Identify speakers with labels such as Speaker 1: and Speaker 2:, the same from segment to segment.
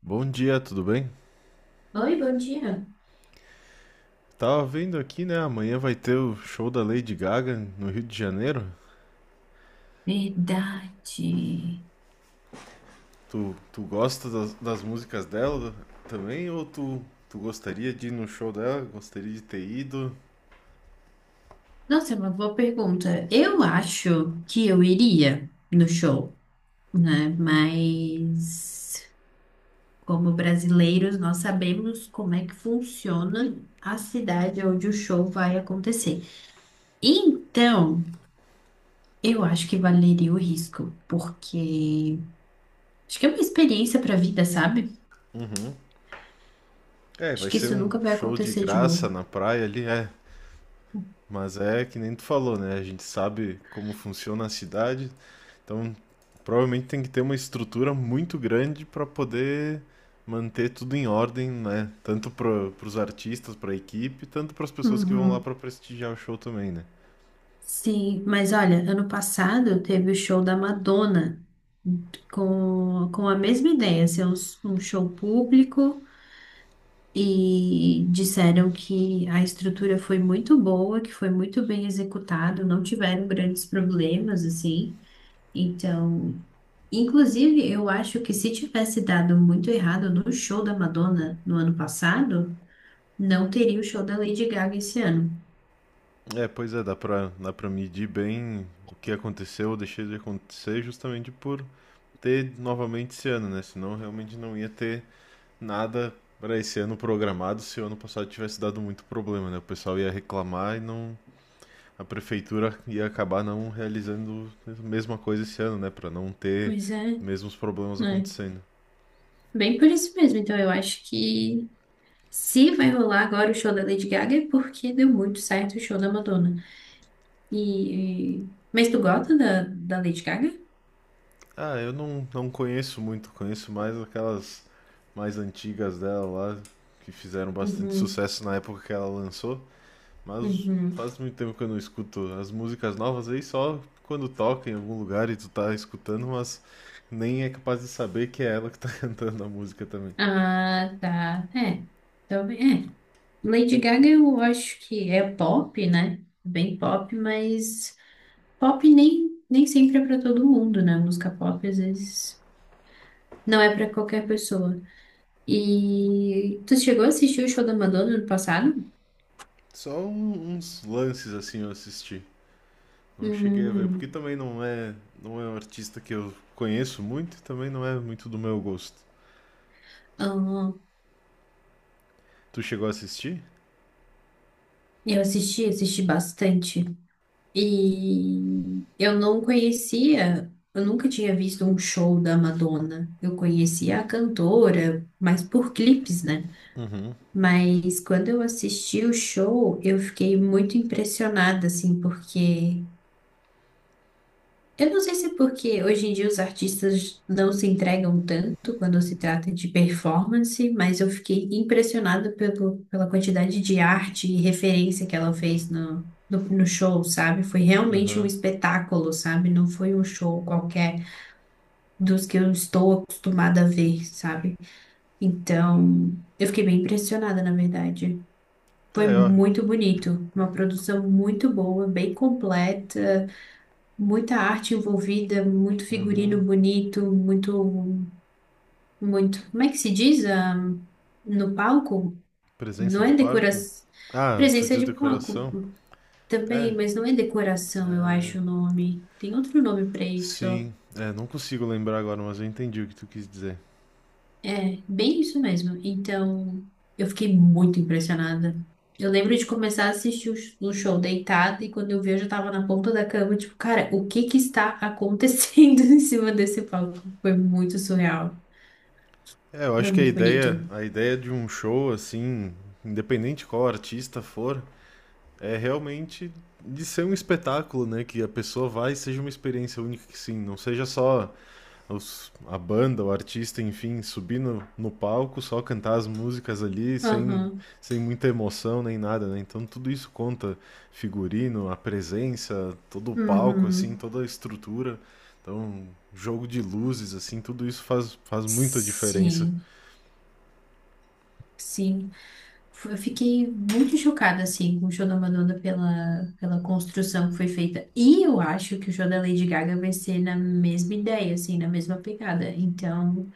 Speaker 1: Bom dia, tudo bem?
Speaker 2: Oi, bom dia.
Speaker 1: Tava vendo aqui, né? Amanhã vai ter o show da Lady Gaga no Rio de Janeiro.
Speaker 2: Verdade.
Speaker 1: Tu gosta das músicas dela também? Ou tu gostaria de ir no show dela? Gostaria de ter ido?
Speaker 2: Nossa, é uma boa pergunta. Eu acho que eu iria no show, né? Mas como brasileiros, nós sabemos como é que funciona a cidade onde o show vai acontecer. Então, eu acho que valeria o risco, porque acho que é uma experiência para a vida, sabe?
Speaker 1: É,
Speaker 2: Acho
Speaker 1: vai
Speaker 2: que
Speaker 1: ser
Speaker 2: isso
Speaker 1: um
Speaker 2: nunca vai
Speaker 1: show de
Speaker 2: acontecer de
Speaker 1: graça
Speaker 2: novo.
Speaker 1: na praia ali, é. Mas é que nem tu falou, né? A gente sabe como funciona a cidade, então provavelmente tem que ter uma estrutura muito grande para poder manter tudo em ordem, né? Tanto para os artistas, para a equipe, tanto para as pessoas que vão lá
Speaker 2: Uhum.
Speaker 1: para prestigiar o show também, né?
Speaker 2: Sim, mas olha, ano passado teve o show da Madonna com a mesma ideia, ser um show público e disseram que a estrutura foi muito boa, que foi muito bem executado, não tiveram grandes problemas assim. Então, inclusive, eu acho que se tivesse dado muito errado no show da Madonna no ano passado, não teria o show da Lady Gaga esse ano.
Speaker 1: É, pois é, dá para medir bem o que aconteceu ou deixou de acontecer justamente por ter novamente esse ano, né? Senão realmente não ia ter nada para esse ano programado se o ano passado tivesse dado muito problema, né? O pessoal ia reclamar e não, a prefeitura ia acabar não realizando a mesma coisa esse ano, né, para não ter
Speaker 2: Pois é,
Speaker 1: mesmos problemas
Speaker 2: né?
Speaker 1: acontecendo.
Speaker 2: Bem por isso mesmo. Então, eu acho que se vai rolar agora o show da Lady Gaga é porque deu muito certo o show da Madonna. Mas tu gosta da Lady Gaga?
Speaker 1: Ah, eu não conheço muito, conheço mais aquelas mais antigas dela lá que fizeram bastante
Speaker 2: Uhum,
Speaker 1: sucesso na época que ela lançou. Mas
Speaker 2: uhum.
Speaker 1: faz muito tempo que eu não escuto as músicas novas aí, só quando toca em algum lugar e tu tá escutando, mas nem é capaz de saber que é ela que tá cantando a música também.
Speaker 2: Ah, tá. É. Talvez. É. Lady Gaga eu acho que é pop, né? Bem pop, mas pop nem sempre é pra todo mundo, né? Música pop às vezes não é pra qualquer pessoa. E tu chegou a assistir o show da Madonna no passado?
Speaker 1: Só uns lances assim eu assisti. Não cheguei a ver, porque
Speaker 2: Hum.
Speaker 1: também não é um artista que eu conheço muito e também não é muito do meu gosto.
Speaker 2: Ah.
Speaker 1: Tu chegou a assistir?
Speaker 2: Eu assisti, assisti bastante. E eu não conhecia, eu nunca tinha visto um show da Madonna. Eu conhecia a cantora, mas por clipes, né? Mas quando eu assisti o show, eu fiquei muito impressionada, assim, porque eu não sei se é porque hoje em dia os artistas não se entregam tanto quando se trata de performance, mas eu fiquei impressionada pelo, pela, quantidade de arte e referência que ela fez no show, sabe? Foi realmente um
Speaker 1: Aham.
Speaker 2: espetáculo, sabe? Não foi um show qualquer dos que eu estou acostumada a ver, sabe? Então, eu fiquei bem impressionada, na verdade.
Speaker 1: É,
Speaker 2: Foi
Speaker 1: ó,
Speaker 2: muito bonito, uma produção muito boa, bem completa. Muita arte envolvida, muito figurino bonito, muito, muito. Como é que se diz? Ah, no palco?
Speaker 1: presença
Speaker 2: Não
Speaker 1: de
Speaker 2: é
Speaker 1: Parco.
Speaker 2: decoração.
Speaker 1: Ah, tu
Speaker 2: Presença
Speaker 1: diz
Speaker 2: de palco
Speaker 1: decoração? É,
Speaker 2: também, mas não é decoração, eu acho o nome. Tem outro nome para isso.
Speaker 1: sim. É, não consigo lembrar agora, mas eu entendi o que tu quis dizer.
Speaker 2: É, bem isso mesmo. Então, eu fiquei muito impressionada. Eu lembro de começar a assistir o o show deitada e quando eu vi, eu já tava na ponta da cama, tipo, cara, o que que está acontecendo em cima desse palco? Foi muito surreal.
Speaker 1: É, eu acho
Speaker 2: Foi
Speaker 1: que a
Speaker 2: muito
Speaker 1: ideia,
Speaker 2: bonito.
Speaker 1: a ideia de um show assim, independente qual artista for, é realmente de ser um espetáculo, né? Que a pessoa vai e seja uma experiência única, que sim, não seja só a banda, o artista, enfim, subir no palco, só cantar as músicas ali, sem,
Speaker 2: Aham.
Speaker 1: sem muita emoção nem nada, né? Então tudo isso conta, figurino, a presença, todo o palco, assim,
Speaker 2: Uhum.
Speaker 1: toda a estrutura, então jogo de luzes, assim, tudo isso faz, faz muita diferença.
Speaker 2: Sim, sim. F- Eu fiquei muito chocada, assim, com o show da Madonna pela, construção que foi feita. E eu acho que o show da Lady Gaga vai ser na mesma ideia, assim, na mesma pegada. Então.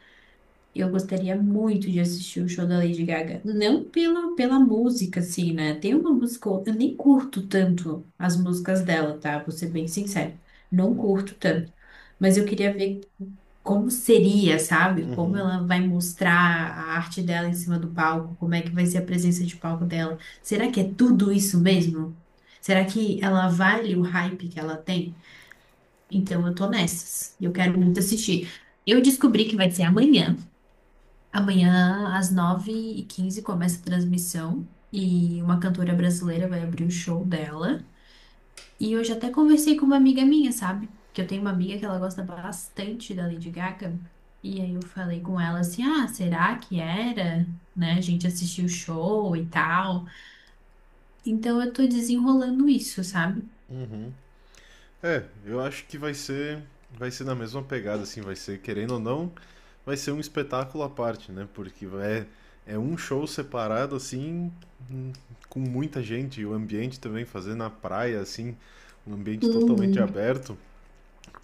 Speaker 2: Eu gostaria muito de assistir o show da Lady Gaga. Não pela música, assim, né? Tem uma música, ou outra- eu nem curto tanto as músicas dela, tá? Vou ser bem sincera. Não curto tanto. Mas eu queria ver como seria, sabe? Como ela vai mostrar a arte dela em cima do palco, como é que vai ser a presença de palco dela. Será que é tudo isso mesmo? Será que ela vale o hype que ela tem? Então eu tô nessas. E eu quero muito assistir. Eu descobri que vai ser amanhã. Amanhã, às 9:15 começa a transmissão e uma cantora brasileira vai abrir o show dela. E eu já até conversei com uma amiga minha, sabe? Que eu tenho uma amiga que ela gosta bastante da Lady Gaga. E aí eu falei com ela assim: ah, será que era? Né? A gente assistiu o show e tal. Então eu tô desenrolando isso, sabe?
Speaker 1: Uhum. É, eu acho que vai ser na mesma pegada, assim, vai ser, querendo ou não, vai ser um espetáculo à parte, né? É um show separado, assim, hum, com muita gente, e o ambiente também, fazer na praia, assim, um ambiente totalmente
Speaker 2: Uhum.
Speaker 1: aberto.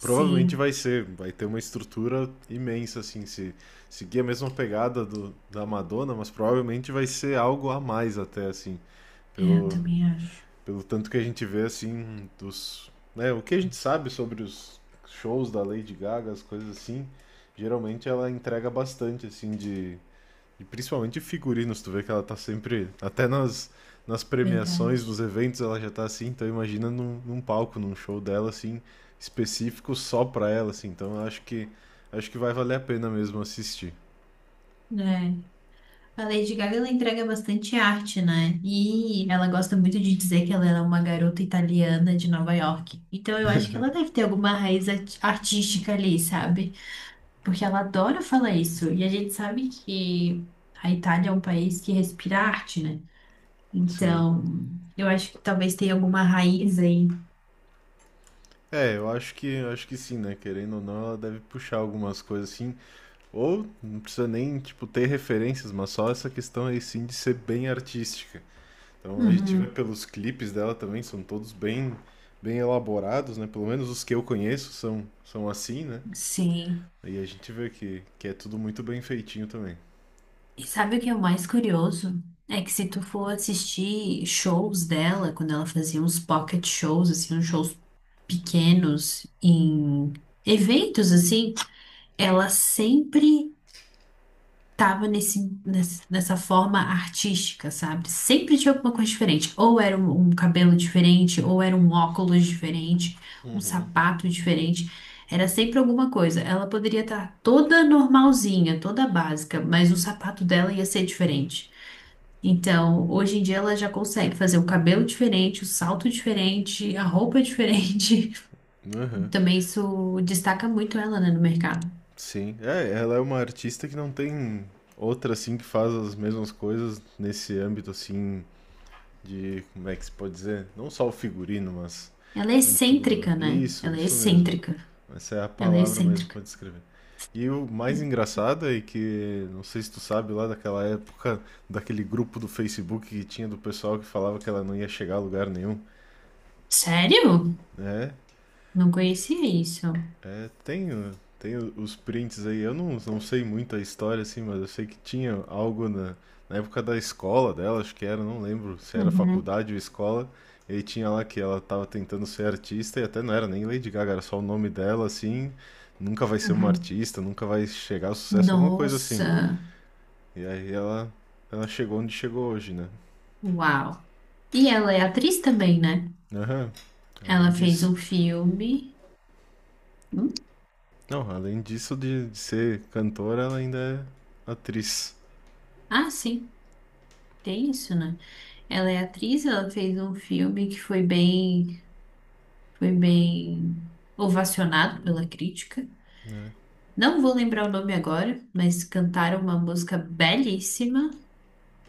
Speaker 1: Provavelmente vai ser, vai ter uma estrutura imensa, assim, se seguir a mesma pegada da Madonna, mas provavelmente vai ser algo a mais até, assim,
Speaker 2: é, eu
Speaker 1: pelo,
Speaker 2: também acho.
Speaker 1: pelo tanto que a gente vê, assim, dos. Né, o que a gente sabe sobre os shows da Lady Gaga, as coisas assim, geralmente ela entrega bastante, assim, de. E principalmente figurinos, tu vê que ela tá sempre. Até nas premiações, nos
Speaker 2: Verdade.
Speaker 1: eventos, ela já tá assim, então imagina num palco, num show dela, assim, específico só pra ela, assim. Então eu acho que. Acho que vai valer a pena mesmo assistir.
Speaker 2: É. A Lady Gaga, ela entrega bastante arte, né? E ela gosta muito de dizer que ela era uma garota italiana de Nova York. Então eu acho que ela deve ter alguma raiz artística ali, sabe? Porque ela adora falar isso. E a gente sabe que a Itália é um país que respira arte, né?
Speaker 1: Sim.
Speaker 2: Então eu acho que talvez tenha alguma raiz aí.
Speaker 1: É, eu acho que sim, né? Querendo ou não, ela deve puxar algumas coisas assim. Ou não precisa nem, tipo, ter referências, mas só essa questão aí sim de ser bem artística. Então a gente vê
Speaker 2: Uhum,
Speaker 1: pelos clipes dela também, são todos bem elaborados, né? Pelo menos os que eu conheço são assim, né?
Speaker 2: sim.
Speaker 1: E a gente vê que é tudo muito bem feitinho também.
Speaker 2: E sabe o que é o mais curioso? É que se tu for assistir shows dela, quando ela fazia uns pocket shows, assim, uns shows pequenos em eventos, assim, ela sempre tava nesse, nessa forma artística, sabe? Sempre tinha alguma coisa diferente. Ou era um cabelo diferente, ou era um óculos diferente, um sapato diferente. Era sempre alguma coisa. Ela poderia estar toda normalzinha, toda básica, mas o sapato dela ia ser diferente. Então, hoje em dia ela já consegue fazer o cabelo diferente, o salto diferente, a roupa é diferente.
Speaker 1: Aham.
Speaker 2: Também isso destaca muito ela, né, no mercado.
Speaker 1: Sim. É, ela é uma artista que não tem outra assim que faz as mesmas coisas nesse âmbito assim de, como é que se pode dizer? Não só o figurino, mas
Speaker 2: Ela é
Speaker 1: em tudo, né?
Speaker 2: excêntrica, né?
Speaker 1: Isso,
Speaker 2: Ela é
Speaker 1: isso mesmo.
Speaker 2: excêntrica.
Speaker 1: Essa é a
Speaker 2: Ela é
Speaker 1: palavra mesmo
Speaker 2: excêntrica.
Speaker 1: pra descrever. E o mais engraçado é que, não sei se tu sabe, lá daquela época, daquele grupo do Facebook que tinha do pessoal que falava que ela não ia chegar a lugar nenhum,
Speaker 2: Sério?
Speaker 1: né?
Speaker 2: Não conhecia isso.
Speaker 1: É, tem, tem os prints aí. Eu não sei muito a história, assim, mas eu sei que tinha algo na, na época da escola dela, acho que era, não lembro se era
Speaker 2: Uhum,
Speaker 1: faculdade ou escola. E aí tinha lá que ela tava tentando ser artista e até não era nem Lady Gaga, era só o nome dela, assim. Nunca vai ser uma
Speaker 2: uhum.
Speaker 1: artista, nunca vai chegar ao sucesso, alguma coisa assim.
Speaker 2: Nossa,
Speaker 1: E aí ela, ela chegou onde chegou hoje, né?
Speaker 2: uau. E ela é atriz também, né?
Speaker 1: Aham, além
Speaker 2: Ela fez
Speaker 1: disso.
Speaker 2: um filme. Hum?
Speaker 1: Não, além disso de ser cantora, ela ainda é atriz.
Speaker 2: Ah, sim, tem isso, né? Ela é atriz, ela fez um filme que foi bem. Foi bem ovacionado pela crítica.
Speaker 1: Né?
Speaker 2: Não vou lembrar o nome agora, mas cantaram uma música belíssima,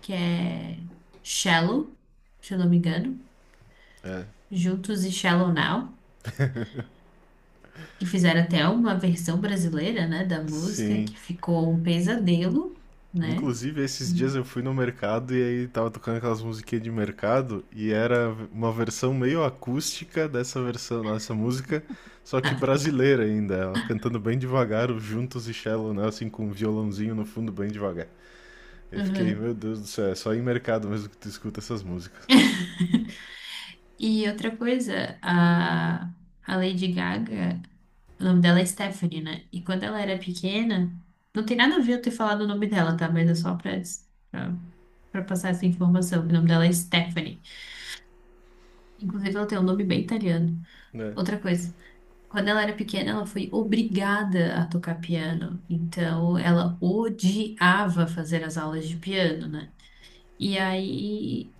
Speaker 2: que é Shallow, se eu não me engano,
Speaker 1: É,
Speaker 2: Juntos e Shallow Now, que fizeram até uma versão brasileira, né, da música,
Speaker 1: sim.
Speaker 2: que ficou um pesadelo, né?
Speaker 1: Inclusive, esses dias
Speaker 2: Uhum.
Speaker 1: eu fui no mercado e aí tava tocando aquelas musiquinhas de mercado e era uma versão meio acústica dessa versão, dessa música, só que brasileira ainda, ela cantando bem devagar, o Juntos e Shallow Now, assim, com um violãozinho no fundo bem devagar. Eu fiquei, meu Deus do céu, é só em mercado mesmo que tu escuta essas músicas,
Speaker 2: E outra coisa, a Lady Gaga. O nome dela é Stephanie, né? E quando ela era pequena, não tem nada a ver eu ter falado o nome dela, tá? Mas é só pra, pra passar essa informação. O nome dela é Stephanie. Inclusive, ela tem um nome bem italiano.
Speaker 1: né?
Speaker 2: Outra coisa, quando ela era pequena, ela foi obrigada a tocar piano. Então, ela odiava fazer as aulas de piano, né? E aí.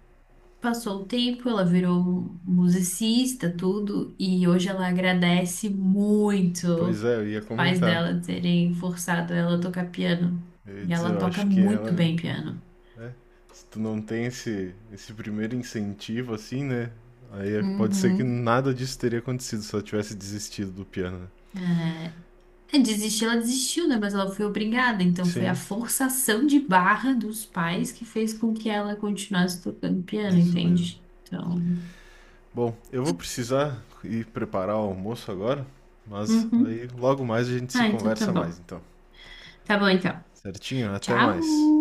Speaker 2: Passou o tempo, ela virou musicista, tudo, e hoje ela agradece
Speaker 1: Pois
Speaker 2: muito
Speaker 1: é, eu ia
Speaker 2: os pais
Speaker 1: comentar.
Speaker 2: dela terem forçado ela a tocar piano.
Speaker 1: Eu ia
Speaker 2: E
Speaker 1: dizer,
Speaker 2: ela
Speaker 1: eu
Speaker 2: toca
Speaker 1: acho que
Speaker 2: muito
Speaker 1: ela
Speaker 2: bem piano.
Speaker 1: É. Se tu não tem esse primeiro incentivo, assim, né? Aí pode ser que
Speaker 2: Uhum.
Speaker 1: nada disso teria acontecido se ela tivesse desistido do piano, né?
Speaker 2: É, desistir, ela desistiu, né? Mas ela foi obrigada, então foi a
Speaker 1: Sim,
Speaker 2: forçação de barra dos pais que fez com que ela continuasse tocando piano,
Speaker 1: isso mesmo.
Speaker 2: entende? Então.
Speaker 1: Bom, eu vou precisar ir preparar o almoço agora, mas
Speaker 2: Uhum.
Speaker 1: aí logo mais a gente se
Speaker 2: Ah, então tá
Speaker 1: conversa mais,
Speaker 2: bom.
Speaker 1: então.
Speaker 2: Tá bom, então.
Speaker 1: Certinho? Até
Speaker 2: Tchau!
Speaker 1: mais.